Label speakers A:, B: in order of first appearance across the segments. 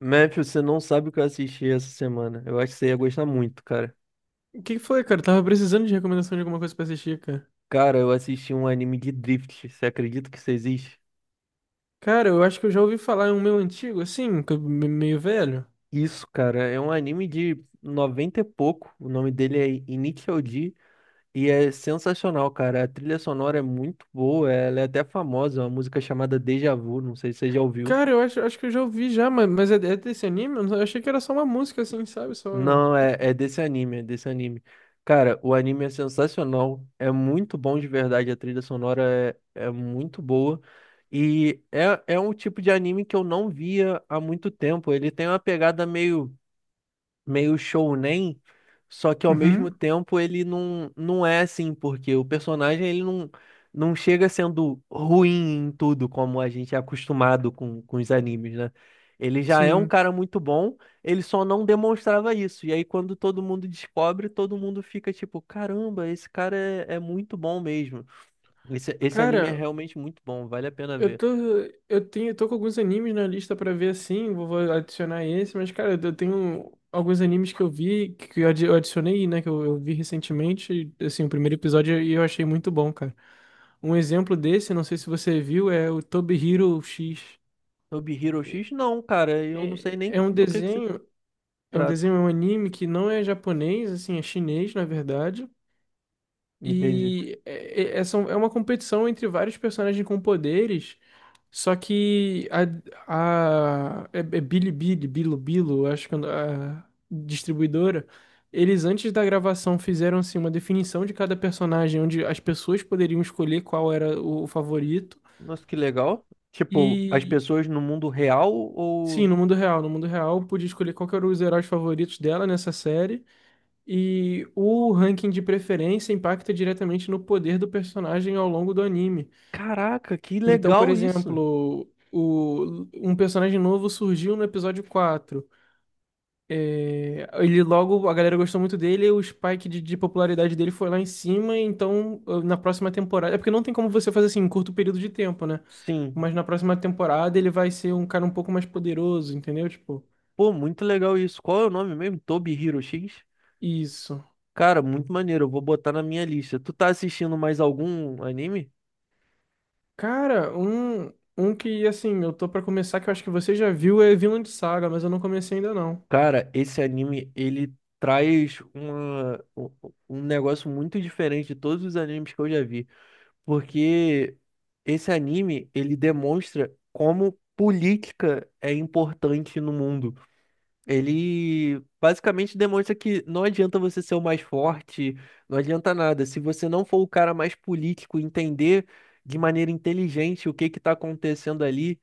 A: Memphis, você não sabe o que eu assisti essa semana. Eu acho que você ia gostar muito, cara.
B: O que que foi, cara? Eu tava precisando de recomendação de alguma coisa pra assistir, cara.
A: Cara, eu assisti um anime de Drift. Você acredita que isso existe?
B: Cara, eu acho que eu já ouvi falar em um meu antigo, assim, que meio velho.
A: Isso, cara, é um anime de 90 e pouco. O nome dele é Initial D e é sensacional, cara. A trilha sonora é muito boa, ela é até famosa, é uma música chamada Deja Vu, não sei se você já ouviu.
B: Cara, eu acho que eu já ouvi já, mas é desse anime? Eu não- Eu achei que era só uma música, assim, sabe? Só.
A: Não, é desse anime, é desse anime. Cara, o anime é sensacional, é muito bom de verdade, a trilha sonora é muito boa. E é um tipo de anime que eu não via há muito tempo. Ele tem uma pegada meio shounen, só que ao mesmo
B: Uhum.
A: tempo ele não é assim, porque o personagem ele não chega sendo ruim em tudo, como a gente é acostumado com os animes, né? Ele já é um
B: Sim.
A: cara muito bom, ele só não demonstrava isso. E aí, quando todo mundo descobre, todo mundo fica tipo: caramba, esse cara é muito bom mesmo. Esse anime é
B: Cara,
A: realmente muito bom, vale a pena
B: eu
A: ver.
B: tô. Eu tô com alguns animes na lista pra ver, assim. Vou adicionar esse, mas, cara, eu tenho alguns animes que eu vi, que eu adicionei, né? Que eu vi recentemente, assim, o primeiro episódio e eu achei muito bom, cara. Um exemplo desse, não sei se você viu, é o Toby Hero X.
A: Sobre Hero
B: É
A: X, não, cara, eu não sei nem
B: É um
A: do que se
B: desenho, é um
A: trata.
B: desenho, é um anime que não é japonês, assim, é chinês, na verdade.
A: Entendi.
B: E é uma competição entre vários personagens com poderes, só que a é, é Bilibili, Bilibilo, acho que é a distribuidora, eles antes da gravação fizeram assim uma definição de cada personagem, onde as pessoas poderiam escolher qual era o favorito.
A: Nossa, que legal. Tipo, as
B: E
A: pessoas no mundo real
B: Sim,
A: ou.
B: no mundo real. No mundo real, eu pude escolher qual que eram os heróis favoritos dela nessa série. E o ranking de preferência impacta diretamente no poder do personagem ao longo do anime.
A: Caraca, que
B: Então, por
A: legal isso.
B: exemplo, um personagem novo surgiu no episódio quatro. É, ele logo, a galera gostou muito dele, e o spike de popularidade dele foi lá em cima. Então, ah, na próxima temporada. É porque não tem como você fazer assim em curto período de tempo, né?
A: Sim.
B: Mas na próxima temporada ele vai ser um cara um pouco mais poderoso, entendeu? Tipo,
A: Pô, muito legal isso. Qual é o nome mesmo? Toby Hero X?
B: isso.
A: Cara, muito maneiro. Eu vou botar na minha lista. Tu tá assistindo mais algum anime?
B: Cara, um que, assim, eu tô pra começar, que eu acho que você já viu, é Vinland Saga, mas eu não comecei ainda não.
A: Cara, esse anime, ele traz uma, um um negócio muito diferente de todos os animes que eu já vi. Porque esse anime, ele demonstra como política é importante no mundo. Ele basicamente demonstra que não adianta você ser o mais forte, não adianta nada. Se você não for o cara mais político, entender de maneira inteligente o que que tá acontecendo ali,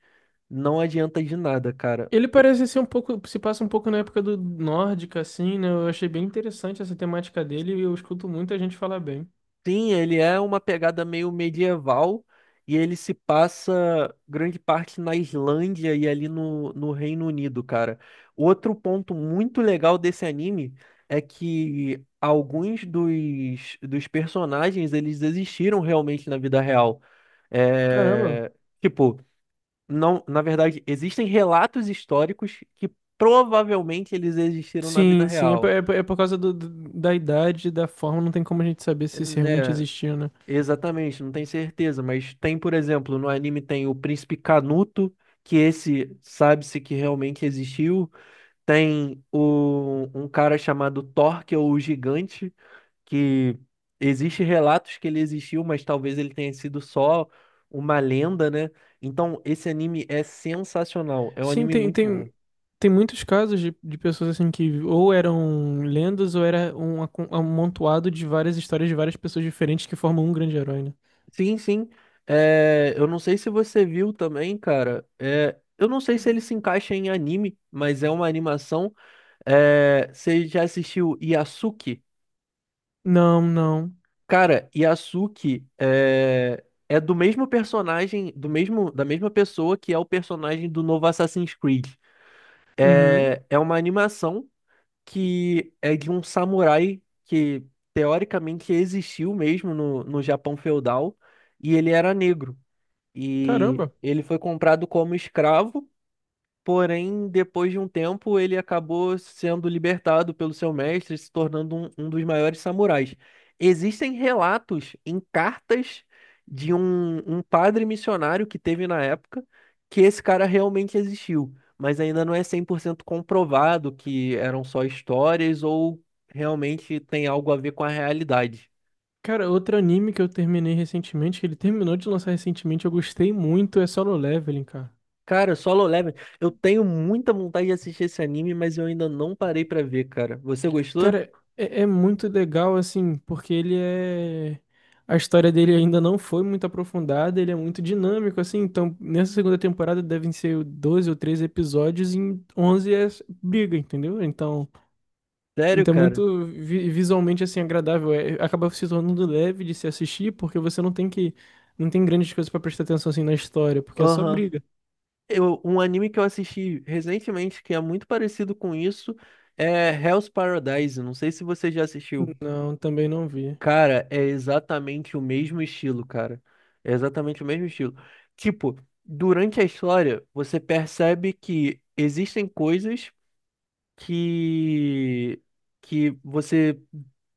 A: não adianta de nada, cara.
B: Ele parece ser um pouco, se passa um pouco na época do nórdica, assim, né? Eu achei bem interessante essa temática dele e eu escuto muita gente falar bem.
A: Sim, ele é uma pegada meio medieval e ele se passa grande parte na Islândia e ali no Reino Unido, cara. Outro ponto muito legal desse anime é que alguns dos personagens eles existiram realmente na vida real.
B: Caramba.
A: É, tipo, não, na verdade, existem relatos históricos que provavelmente eles existiram na vida
B: Sim, sim, é, por-
A: real,
B: é, por é por causa da idade, da forma, não tem como a gente saber se isso realmente
A: né?
B: existiu, né?
A: Exatamente, não tem certeza, mas tem, por exemplo, no anime tem o Príncipe Canuto, que esse sabe-se que realmente existiu. Tem um cara chamado Thor, que é o Gigante, que existe relatos que ele existiu, mas talvez ele tenha sido só uma lenda, né? Então, esse anime é sensacional, é um
B: Sim,
A: anime
B: tem,
A: muito
B: tem,
A: bom.
B: tem muitos casos de pessoas assim que ou eram lendas ou era um amontoado de várias histórias de várias pessoas diferentes que formam um grande herói, né?
A: Sim, sim. É, eu não sei se você viu também, cara. É, eu não sei se ele se encaixa em anime, mas é uma animação. É, você já assistiu Yasuke?
B: Não, não.
A: Cara, Yasuke é do mesmo personagem, da mesma pessoa que é o personagem do novo Assassin's Creed.
B: Uhum.
A: É uma animação que é de um samurai que teoricamente existiu mesmo no Japão feudal e ele era negro. E
B: Caramba.
A: ele foi comprado como escravo. Porém, depois de um tempo, ele acabou sendo libertado pelo seu mestre, se tornando um dos maiores samurais. Existem relatos em cartas de um padre missionário que teve na época que esse cara realmente existiu, mas ainda não é 100% comprovado que eram só histórias ou realmente tem algo a ver com a realidade.
B: Cara, outro anime que eu terminei recentemente, que ele terminou de lançar recentemente, eu gostei muito, é Solo Leveling, cara.
A: Cara, Solo Leveling, eu tenho muita vontade de assistir esse anime, mas eu ainda não parei pra ver, cara. Você gostou?
B: Cara, é muito legal, assim, porque ele é. A história dele ainda não foi muito aprofundada, ele é muito dinâmico, assim. Então, nessa segunda temporada devem ser 12 ou 13 episódios, e em 11 é briga, entendeu? Então.
A: Sério,
B: Então, é
A: cara?
B: muito visualmente assim agradável, é, acaba se tornando leve de se assistir, porque você não tem que não tem grandes coisas pra prestar atenção assim na história, porque é só
A: Aham.
B: briga.
A: Um anime que eu assisti recentemente que é muito parecido com isso é Hell's Paradise. Não sei se você já assistiu.
B: Não, também não vi.
A: Cara, é exatamente o mesmo estilo, cara. É exatamente o mesmo estilo. Tipo, durante a história, você percebe que existem coisas que que você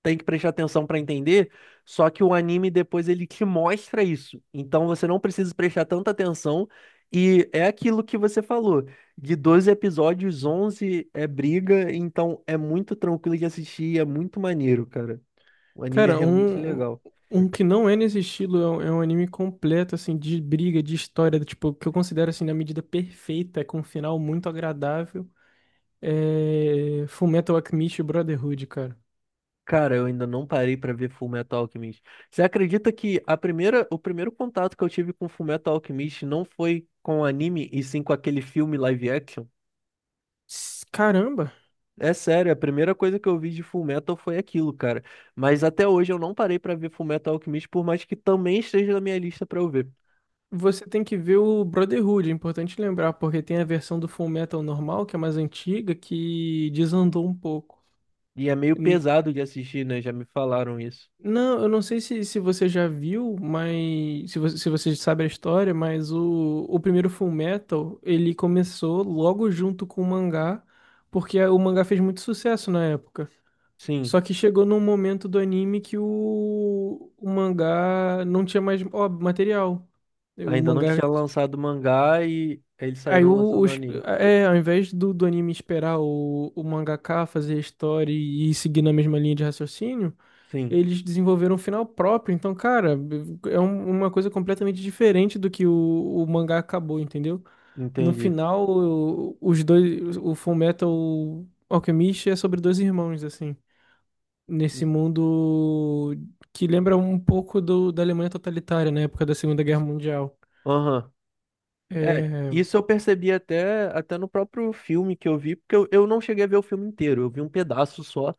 A: tem que prestar atenção para entender, só que o anime depois ele te mostra isso. Então você não precisa prestar tanta atenção e é aquilo que você falou, de 12 episódios, 11 é briga, então é muito tranquilo de assistir, é muito maneiro, cara. O anime é
B: Cara,
A: realmente legal.
B: um que não é nesse estilo é um anime completo assim de briga, de história, tipo, que eu considero assim na medida perfeita, com um final muito agradável, é Fullmetal Alchemist Brotherhood, cara.
A: Cara, eu ainda não parei pra ver Fullmetal Alchemist. Você acredita que o primeiro contato que eu tive com Fullmetal Alchemist não foi com anime, e sim com aquele filme live action?
B: Caramba.
A: É sério, a primeira coisa que eu vi de Fullmetal foi aquilo, cara. Mas até hoje eu não parei pra ver Fullmetal Alchemist, por mais que também esteja na minha lista pra eu ver.
B: Você tem que ver o Brotherhood, é importante lembrar, porque tem a versão do Fullmetal normal, que é mais antiga, que desandou um pouco.
A: E é meio
B: N-
A: pesado de assistir, né? Já me falaram isso.
B: Não, eu não sei se você já viu, mas se você sabe a história, mas o primeiro Fullmetal, ele começou logo junto com o mangá, porque o mangá fez muito sucesso na época. Só
A: Sim,
B: que chegou num momento do anime que o mangá não tinha mais ó, material. O
A: ainda não
B: mangá.
A: tinha lançado o mangá e eles
B: Aí
A: saíram
B: o,
A: lançando o
B: os,
A: anime.
B: é, Ao invés do anime esperar o mangaka fazer a história e ir seguir na mesma linha de raciocínio,
A: Sim,
B: eles desenvolveram um final próprio. Então, cara, é uma coisa completamente diferente do que o mangá acabou, entendeu? No
A: entendi.
B: final, os dois, o Fullmetal Alchemist é sobre dois irmãos, assim, nesse mundo que lembra um pouco da Alemanha totalitária, na época da Segunda Guerra Mundial.
A: Aham. É,
B: É,
A: isso eu percebi até no próprio filme que eu vi, porque eu não cheguei a ver o filme inteiro, eu vi um pedaço só,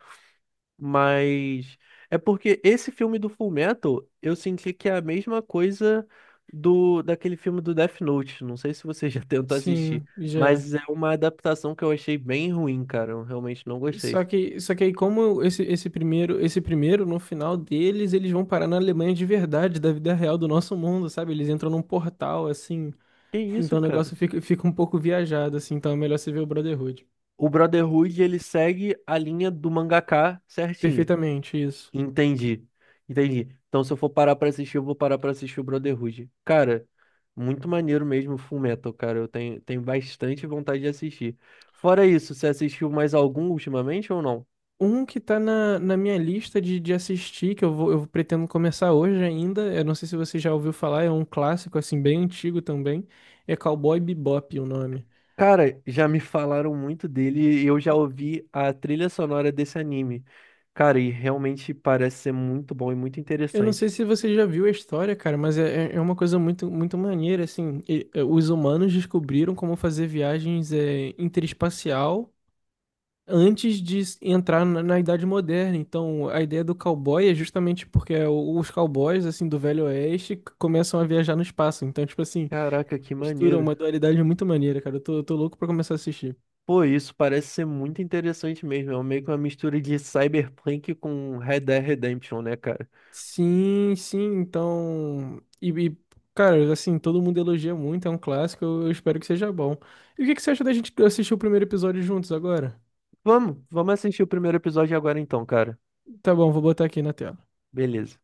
A: mas é porque esse filme do Fullmetal, eu senti que é a mesma coisa do daquele filme do Death Note, não sei se você já tentou assistir,
B: sim, já.
A: mas é uma adaptação que eu achei bem ruim, cara, eu realmente não gostei.
B: Só que aí, como esse primeiro, esse primeiro, no final deles, eles vão parar na Alemanha de verdade, da vida real do nosso mundo, sabe? Eles entram num portal, assim.
A: Que isso,
B: Então o
A: cara?
B: negócio fica um pouco viajado, assim. Então é melhor você ver o Brotherhood.
A: O Brotherhood, ele segue a linha do mangaka certinho.
B: Perfeitamente, isso.
A: Entendi. Entendi. Então, se eu for parar pra assistir, eu vou parar pra assistir o Brotherhood. Cara, muito maneiro mesmo o Fullmetal, cara. Eu tenho bastante vontade de assistir. Fora isso, você assistiu mais algum ultimamente ou não?
B: Um que tá na minha lista de assistir, que eu vou, eu pretendo começar hoje ainda. Eu não sei se você já ouviu falar, é um clássico, assim, bem antigo também. É Cowboy Bebop o nome.
A: Cara, já me falaram muito dele e eu já ouvi a trilha sonora desse anime. Cara, e realmente parece ser muito bom e muito
B: Eu não sei
A: interessante.
B: se você já viu a história, cara, mas é, é uma coisa muito, muito maneira, assim. E, é, os humanos descobriram como fazer viagens é, interespacial antes entrar na Idade Moderna. Então, a ideia do cowboy é justamente porque é os cowboys, assim, do Velho Oeste começam a viajar no espaço. Então, tipo assim,
A: Caraca, que
B: mistura
A: maneiro.
B: uma dualidade muito maneira, cara. Eu tô louco pra começar a assistir.
A: Pô, isso parece ser muito interessante mesmo. É meio que uma mistura de Cyberpunk com Red Dead Redemption, né, cara?
B: Sim, sim, então. Cara, assim, todo mundo elogia muito, é um clássico, eu espero que seja bom. E o que que você acha da gente assistir o primeiro episódio juntos agora?
A: Vamos, vamos assistir o primeiro episódio agora então, cara.
B: Tá bom, vou botar aqui na tela.
A: Beleza.